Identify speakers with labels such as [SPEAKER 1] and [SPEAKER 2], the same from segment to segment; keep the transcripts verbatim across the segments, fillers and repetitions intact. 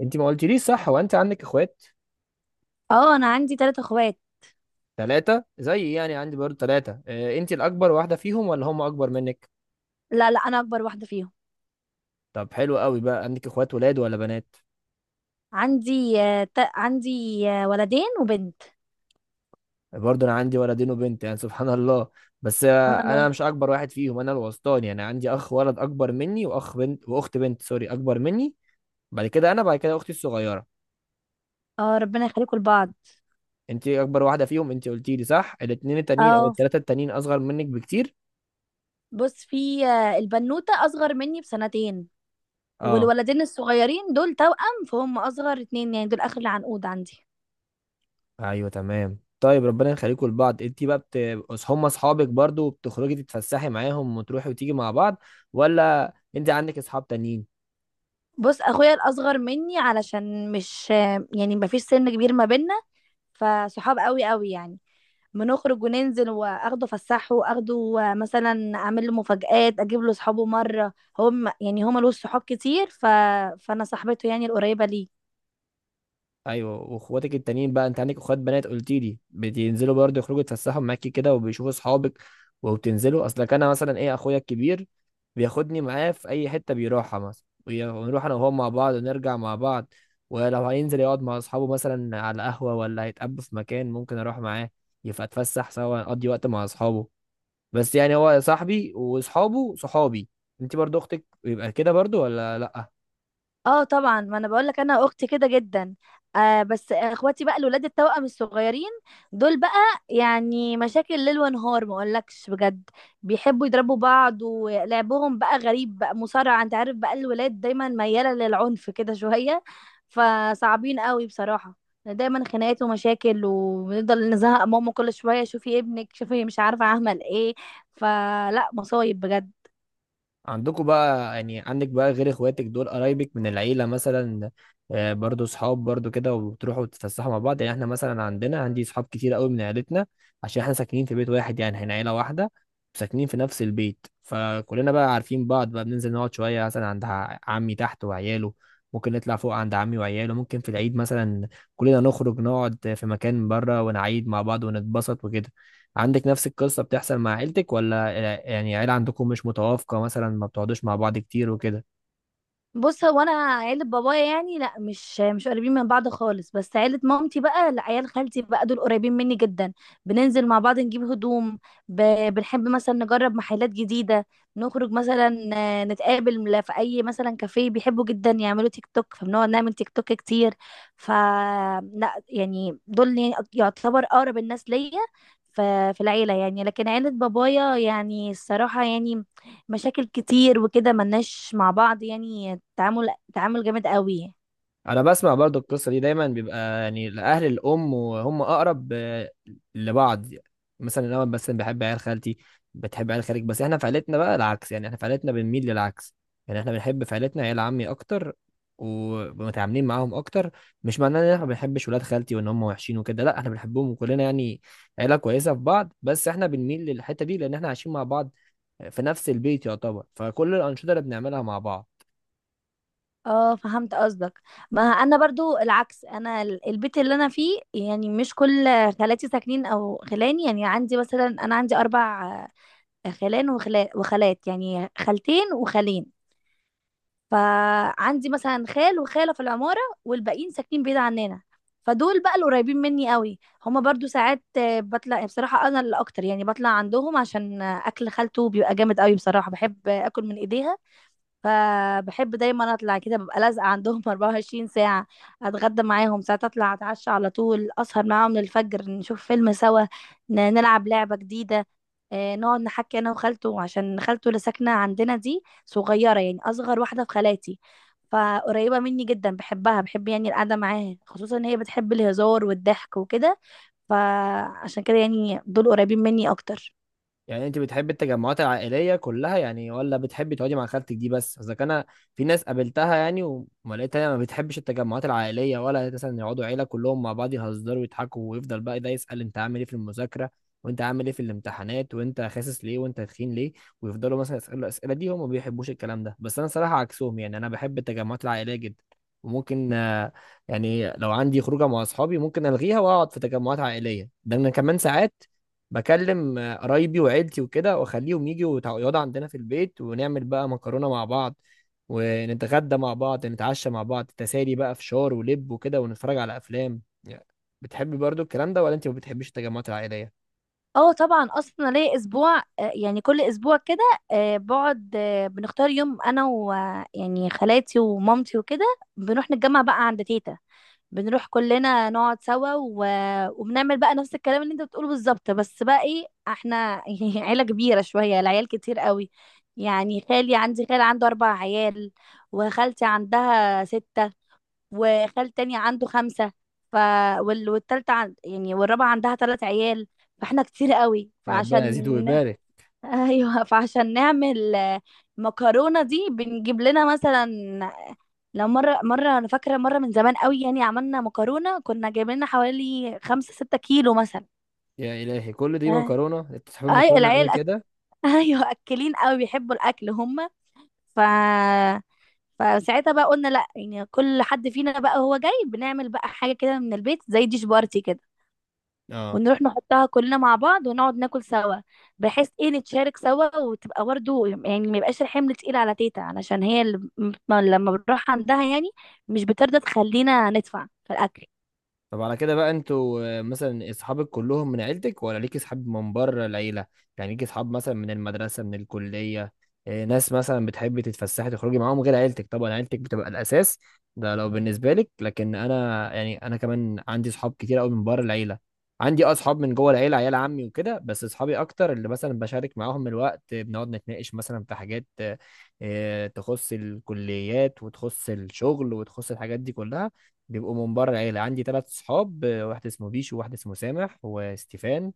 [SPEAKER 1] انت ما قلتليش، صح؟ هو انت عندك اخوات؟
[SPEAKER 2] اه، انا عندي ثلاثة اخوات.
[SPEAKER 1] ثلاثة، زي يعني عندي برضه ثلاثة. اه انت الاكبر واحدة فيهم، ولا هم اكبر منك؟
[SPEAKER 2] لا، لا، انا اكبر واحدة فيهم.
[SPEAKER 1] طب حلو قوي. بقى عندك اخوات ولاد ولا بنات؟
[SPEAKER 2] عندي آه، تا- عندي آه، ولدين وبنت.
[SPEAKER 1] برضه انا عندي ولدين وبنت، يعني سبحان الله. بس اه
[SPEAKER 2] سبحان
[SPEAKER 1] انا
[SPEAKER 2] الله.
[SPEAKER 1] مش اكبر واحد فيهم، انا الوسطاني. يعني عندي اخ ولد اكبر مني، واخ بنت، واخت بنت سوري، اكبر مني. بعد كده انا بعد كده اختي الصغيرة.
[SPEAKER 2] اه، ربنا يخليكم لبعض.
[SPEAKER 1] انت اكبر واحدة فيهم انت قلتيلي، صح؟ الاتنين التانيين او
[SPEAKER 2] اه،
[SPEAKER 1] التلاتة التانيين اصغر منك بكتير،
[SPEAKER 2] بص، في آه، البنوتة اصغر مني بسنتين،
[SPEAKER 1] اه.
[SPEAKER 2] والولدين الصغيرين دول توأم، فهم اصغر اتنين، يعني دول اخر العنقود عندي.
[SPEAKER 1] ايوه، تمام. طيب، ربنا يخليكم لبعض. انت بقى بت... أص- هم اصحابك برضو؟ بتخرجي تتفسحي معاهم وتروحي وتيجي مع بعض؟ ولا انت عندك اصحاب تانيين؟
[SPEAKER 2] بص، اخويا الاصغر مني، علشان مش آه، يعني مفيش سن كبير ما بينا، فصحاب قوي قوي يعني. بنخرج وننزل، واخده فسحه، واخده مثلا اعمل له مفاجآت، اجيب له صحابه مره. هو م- يعني هو ملوش صحاب كتير، ف... فانا صاحبته يعني القريبه ليه.
[SPEAKER 1] ايوه. واخواتك التانيين بقى، انت عندك اخوات بنات قلت لي، بتنزلوا برضه يخرجوا يتفسحوا معاكي كده وبيشوفوا اصحابك وبتنزلوا؟ اصلك انا مثلا ايه، اخويا الكبير بياخدني معاه في اي حته بيروحها مثلا، وي- ونروح انا وهو مع بعض ونرجع مع بعض. ولو هينزل يقعد مع اصحابه مثلا على قهوه، ولا هيتقابلوا في مكان، ممكن اروح معاه. يبقى اتفسح سوا، اقضي وقت مع اصحابه. بس يعني هو صاحبي واصحابه صحابي. انت برضه اختك يبقى كده برضه، ولا لا؟
[SPEAKER 2] اه، طبعا ما انا بقول لك، انا اختي كده جدا. آه بس اخواتي بقى الولاد التوأم الصغيرين، دول بقى يعني مشاكل ليل ونهار، ما اقولكش بجد. بيحبوا يضربوا بعض، ولعبهم بقى غريب، بقى مصارعة، انت عارف بقى الولاد دايما ميالة للعنف كده شوية، فصعبين قوي بصراحة. دايما خناقات ومشاكل، وبنفضل نزهق ماما كل شوية، شوفي ابنك، شوفي مش عارفة اعمل ايه. فلا، مصايب بجد.
[SPEAKER 1] عندكم بقى، يعني عندك بقى، غير اخواتك دول قرايبك من العيلة مثلا، آه، برضو صحاب برضو كده، وبتروحوا تتفسحوا مع بعض؟ يعني احنا مثلا عندنا عندي صحاب كتير قوي من عيلتنا، عشان احنا ساكنين في بيت واحد، يعني احنا عيلة واحدة، ساكنين في نفس البيت، فكلنا بقى عارفين بعض. بقى بننزل نقعد شوية مثلا عند ع- عمي تحت وعياله، ممكن نطلع فوق عند عمي وعياله، ممكن في العيد مثلا كلنا نخرج نقعد في مكان بره ونعيد مع بعض ونتبسط وكده. عندك نفس القصة بتحصل مع عيلتك ولا؟ يعني عيلة عندكم مش متوافقة مثلا، ما بتقعدوش مع بعض كتير وكده؟
[SPEAKER 2] بص، هو انا عيلة بابايا يعني لا، مش مش قريبين من بعض خالص، بس عيلة مامتي بقى لا، عيال خالتي بقى دول قريبين مني جدا. بننزل مع بعض نجيب هدوم، ب... بنحب مثلا نجرب محلات جديدة، نخرج مثلا آه، نتقابل في اي مثلا كافيه، بيحبوا جدا يعملوا تيك توك، فبنقعد نعمل تيك توك كتير. ف لا يعني دول يعني يعتبر اقرب الناس ليا ف- في العيلة يعني. لكن عيلة بابايا يعني الصراحة يعني مشاكل كتير وكده، ملناش مع بعض يعني تعامل تعامل جامد قوي.
[SPEAKER 1] انا بسمع برضو القصة دي دايما، بيبقى يعني الاهل الام وهم اقرب آه، لبعض. مثلا انا مثلا بحب عيال خالتي، بتحب عيال خالك. بس احنا في عيلتنا بقى العكس، يعني احنا في عيلتنا بنميل للعكس، يعني احنا بنحب في عيلتنا عيال عمي اكتر، ومتعاملين معاهم اكتر. مش معناه ان احنا ما بنحبش ولاد خالتي وان هم وحشين وكده، لا، احنا بنحبهم وكلنا يعني عيلة كويسة في بعض. بس احنا بنميل للحتة دي لان احنا عايشين مع بعض في نفس البيت يعتبر، فكل الأنشطة اللي بنعملها مع بعض.
[SPEAKER 2] اه، فهمت قصدك. ما انا برضو العكس، انا ال- البيت اللي انا فيه يعني مش كل خالاتي ساكنين او خلاني. يعني عندي مثلا، انا عندي اربع آه، خلان وخلا- وخالات، يعني خالتين وخالين. فعندي مثلا خال وخالة في العمارة، والباقيين ساكنين بعيد عننا، فدول بقى القريبين مني قوي. هما برضو ساعات آه، بطلع، بصراحة انا اللي اكتر يعني بطلع عندهم عشان آه، اكل خالته بيبقى جامد قوي بصراحة، بحب آه، اكل من ايديها. فبحب دايما اطلع كده، ببقى لازقه عندهم أربعة وعشرين ساعة ساعه. اتغدى معاهم، ساعات اطلع اتعشى على طول، اسهر معاهم للفجر، نشوف فيلم سوا، ن- نلعب لعبه جديده، آه، نقعد نحكي انا وخالته، عشان خالته اللي ساكنه عندنا دي صغيره يعني اصغر واحده في خالاتي، فقريبه مني جدا، بحبها، بحب يعني القعده معاها، خصوصا ان هي بتحب الهزار والضحك وكده، فعشان كده يعني دول قريبين مني اكتر.
[SPEAKER 1] يعني انت بتحبي التجمعات العائليه كلها يعني، ولا بتحبي تقعدي مع خالتك دي بس؟ اذا كان في ناس قابلتها يعني وما لقيتها ما بتحبش التجمعات العائليه، ولا مثلا يقعدوا عيله كلهم مع بعض يهزروا ويضحكوا، ويفضل بقى ده يسال انت عامل ايه في المذاكره، وانت عامل ايه في الامتحانات، وانت خاسس ليه، وانت تخين ليه، ويفضلوا مثلا يسالوا الاسئله دي، هم ما بيحبوش الكلام ده. بس انا صراحه عكسهم، يعني انا بحب التجمعات العائليه جدا. وممكن آه، يعني لو عندي خروجه مع اصحابي ممكن الغيها واقعد في تجمعات عائليه. ده انا كمان ساعات بكلم آه، قرايبي وعيلتي وكده، واخليهم يجوا يتع- يقعدوا عندنا في البيت، ونعمل بقى مكرونه مع بعض، ونتغدى مع بعض، نتعشى مع بعض، تسالي بقى فشار ولب وكده، ونتفرج على افلام يعني. بتحبي برضو الكلام ده، ولا انت ما بتحبيش التجمعات العائليه؟
[SPEAKER 2] اه، طبعا اصلا ليا اسبوع آه، يعني كل اسبوع كده، آه، بقعد، آه، بنختار يوم انا و آه، يعني خالاتي ومامتي وكده، بنروح نتجمع بقى عند تيتا، بنروح كلنا نقعد سوا و... وبنعمل بقى نفس الكلام اللي انت بتقوله بالظبط. بس بقى ايه احنا يعني عيلة كبيرة شوية، العيال كتير قوي. يعني خالي، عندي خال عنده اربع عيال، وخالتي عندها ستة، وخال تاني عنده خمسة. ف وال... والتالتة عن... يعني والرابعة عندها تلات عيال، فاحنا كتير قوي.
[SPEAKER 1] ربنا يزيد
[SPEAKER 2] فعشان
[SPEAKER 1] ويبارك.
[SPEAKER 2] ايوه، فعشان نعمل آه، مكرونة دي بنجيب لنا مثلا، لو مرة مرة، انا فاكرة مرة من زمان قوي يعني، عملنا مكرونة كنا جايبين لنا حوالي خمسة ستة كيلو مثلا.
[SPEAKER 1] يا الهي، كل دي
[SPEAKER 2] آه.
[SPEAKER 1] مكرونه؟ انت بتحب
[SPEAKER 2] اي
[SPEAKER 1] المكرونه قوي
[SPEAKER 2] العيال أك...
[SPEAKER 1] كده،
[SPEAKER 2] ايوه، اكلين قوي بيحبوا الاكل هم. ف فساعتها بقى قلنا لا، يعني كل حد فينا بقى هو جاي بنعمل بقى حاجة كده من البيت، زي ديش بارتي كده،
[SPEAKER 1] اه.
[SPEAKER 2] ونروح نحطها كلنا مع بعض، ونقعد ناكل سوا، بحيث ايه نتشارك سوا، وتبقى برضه يعني ما يبقاش الحمل تقيل على تيتا، علشان هي اللي م- لما بنروح عندها يعني مش بترضى تخلينا ندفع في الأكل.
[SPEAKER 1] طب على كده بقى، انتوا آه، مثلا اصحابك كلهم من عيلتك، ولا ليك اصحاب من بره العيله؟ يعني ليك اصحاب مثلا من المدرسه، من الكليه؟ آه، ناس مثلا بتحبي تتفسحي تخرجي معاهم غير عيلتك؟ طبعا عيلتك بتبقى الاساس، ده لو بالنسبه لك. لكن انا يعني انا كمان عندي اصحاب كتير قوي من بره العيله. عندي اه اصحاب من جوه العيله، عيال عمي وكده، بس اصحابي اكتر اللي مثلا بشارك معاهم الوقت، آه، بنقعد نتناقش مثلا في حاجات آه، آه، تخص الكليات وتخص الشغل وتخص الحاجات دي كلها، بيبقوا من بره العيلة. عندي ثلاث صحاب، آه، واحد اسمه بيشو، وواحد اسمه سامح، وستيفان.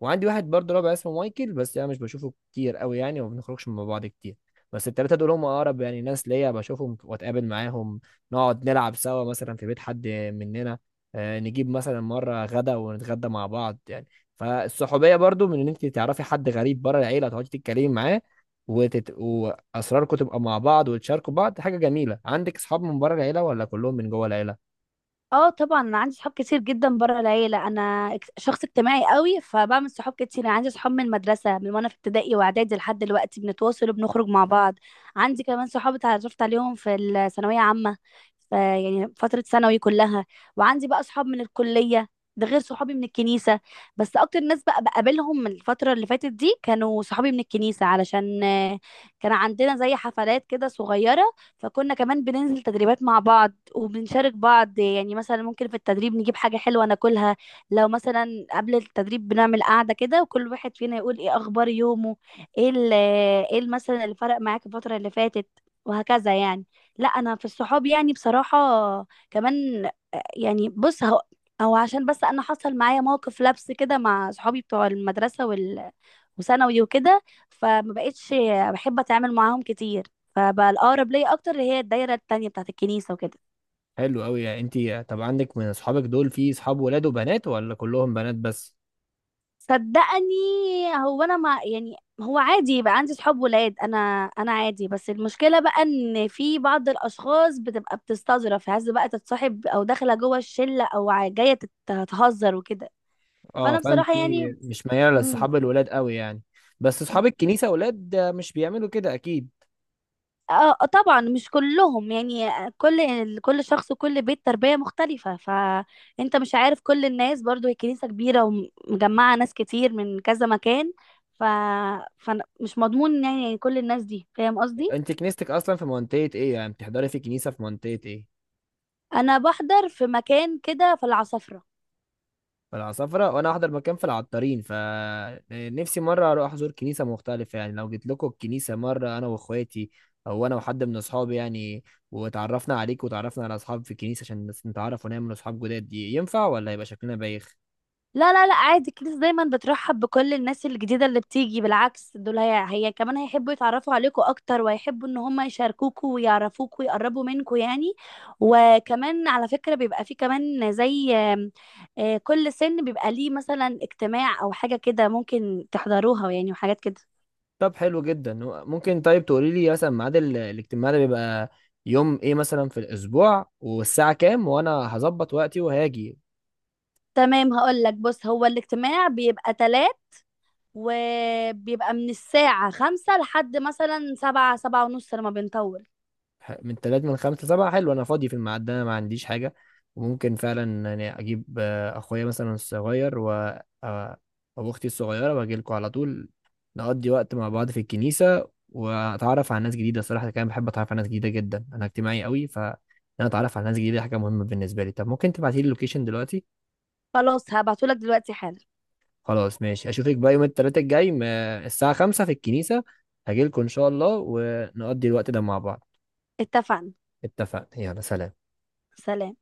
[SPEAKER 1] وعندي واحد برضه رابع اسمه مايكل، بس انا مش بشوفه كتير قوي يعني، وما بنخرجش مع بعض كتير. بس التلاتة دول هم أقرب يعني ناس ليا، بشوفهم وأتقابل معاهم، نقعد نلعب سوا مثلا في بيت حد مننا، آه، نجيب مثلا مرة غدا ونتغدى مع بعض يعني. فالصحوبية برضو من إن أنت تعرفي حد غريب بره العيلة، تقعدي تتكلمي معاه، وتت... وأسراركم تبقى مع بعض وتشاركوا بعض، حاجة جميلة. عندك أصحاب من بره العيلة ولا كلهم من جوه العيلة؟
[SPEAKER 2] اه، طبعا انا عندي صحاب كتير جدا بره العيله، انا اك- شخص اجتماعي قوي، فبعمل صحاب كتير. انا عندي صحاب من المدرسه، من وانا في ابتدائي واعدادي لحد دلوقتي بنتواصل وبنخرج مع بعض. عندي كمان صحاب اتعرفت عليهم في الثانويه عامه، ف- يعني فتره ثانوي كلها، وعندي بقى صحاب من الكليه، ده غير صحابي من الكنيسه. بس اكتر ناس بقى بقابلهم من الفتره اللي فاتت دي كانوا صحابي من الكنيسه، علشان آه، كان عندنا زي حفلات كده صغيره، فكنا كمان بننزل تدريبات مع بعض، وبنشارك بعض، يعني مثلا ممكن في التدريب نجيب حاجة حلوة ناكلها، لو مثلا قبل التدريب بنعمل قعدة كده، وكل واحد فينا يقول ايه اخبار يومه، ايه ال- ايه ال- مثلا اللي فرق معاك الفترة اللي فاتت، وهكذا يعني. لا، انا في الصحاب يعني بصراحة كمان آه، يعني بص، هو او عشان بس انا حصل معايا موقف لبس كده مع صحابي بتوع المدرسة وثانوي وكده، فما بقتش بحب اتعامل معاهم كتير، فبقى الاقرب ليا اكتر اللي هي الدايره التانية بتاعت الكنيسه وكده.
[SPEAKER 1] حلو قوي يعني. انت طب عندك من اصحابك دول في اصحاب ولاد وبنات، ولا كلهم بنات بس؟
[SPEAKER 2] صدقني، هو انا ما يعني، هو عادي يبقى عندي صحاب ولاد، انا انا عادي، بس المشكله بقى ان في بعض الاشخاص بتبقى بتستظرف، عايزه بقى تتصاحب او داخله جوه الشله او ع- جايه تت- تهزر وكده،
[SPEAKER 1] اه،
[SPEAKER 2] فانا
[SPEAKER 1] فانت
[SPEAKER 2] بصراحه يعني.
[SPEAKER 1] مش مياله
[SPEAKER 2] مم.
[SPEAKER 1] لاصحاب الولاد قوي يعني؟ بس اصحاب الكنيسه ولاد آه، مش بيعملوا كده اكيد.
[SPEAKER 2] اه، آه، طبعا مش كلهم يعني، كل كل شخص وكل بيت تربية مختلفة، فانت مش عارف كل الناس. برضو هي كنيسة كبيرة ومجمعة ناس كتير من كذا مكان، ف فمش مضمون يعني كل الناس دي، فاهم قصدي.
[SPEAKER 1] انت كنيستك اصلا في منطقه ايه؟ يعني بتحضري في كنيسه في منطقه ايه؟
[SPEAKER 2] انا بحضر في مكان كده في العصافرة.
[SPEAKER 1] في العصافره. وانا احضر مكان في العطارين، فنفسي مره اروح احضر كنيسه مختلفه. يعني لو جيت لكم الكنيسه مره، انا واخواتي او انا وحد من اصحابي يعني، واتعرفنا عليك وتعرفنا على اصحاب في الكنيسه عشان نتعرف ونعمل اصحاب جداد، دي ينفع ولا يبقى شكلنا بايخ؟
[SPEAKER 2] لا، لا، لا، عادي، الكنيسة دايما بترحب بكل الناس الجديدة اللي بتيجي، بالعكس دول هي, هي كمان هيحبوا يتعرفوا عليكوا أكتر، ويحبوا إن هم يشاركوكوا ويعرفوكوا ويقربوا منكوا يعني. وكمان على فكرة بيبقى في كمان زي آم، آه، كل سن بيبقى ليه مثلا اجتماع أو حاجة كده ممكن تحضروها يعني، وحاجات كده.
[SPEAKER 1] طب حلو جدا. ممكن طيب تقولي لي مثلا ميعاد ال- الاجتماع ده بيبقى يوم ايه مثلا في الاسبوع، والساعة كام، وانا هظبط وقتي وهاجي؟
[SPEAKER 2] تمام، هقول لك. بص، هو الاجتماع بيبقى تلات، وبيبقى من الساعة خمسة لحد مثلا سبعة سبعة ونص لما بنطول.
[SPEAKER 1] ح- من تلات، من خمسة لسبعة، حلو. انا فاضي في الميعاد ده، انا ما عنديش حاجة. وممكن فعلا يعني اجيب آه، اخويا مثلا الصغير و آه، او اختي الصغيرة، واجي لكم على طول، نقضي وقت مع بعض في الكنيسة واتعرف على ناس جديدة. الصراحة كمان بحب اتعرف على ناس جديدة جدا، انا اجتماعي قوي، ف إن انا اتعرف على ناس جديدة حاجة مهمة بالنسبة لي. طب ممكن تبعتي لي اللوكيشن دلوقتي؟
[SPEAKER 2] خلاص، هبعتهولك دلوقتي حالا.
[SPEAKER 1] خلاص ماشي. اشوفك بقى يوم التلاتة الجاي م- الساعة خمسة في الكنيسة. هجيلكوا ان شاء الله، ونقضي الوقت ده مع بعض.
[SPEAKER 2] اتفقنا.
[SPEAKER 1] اتفقنا. يلا، سلام.
[SPEAKER 2] سلام.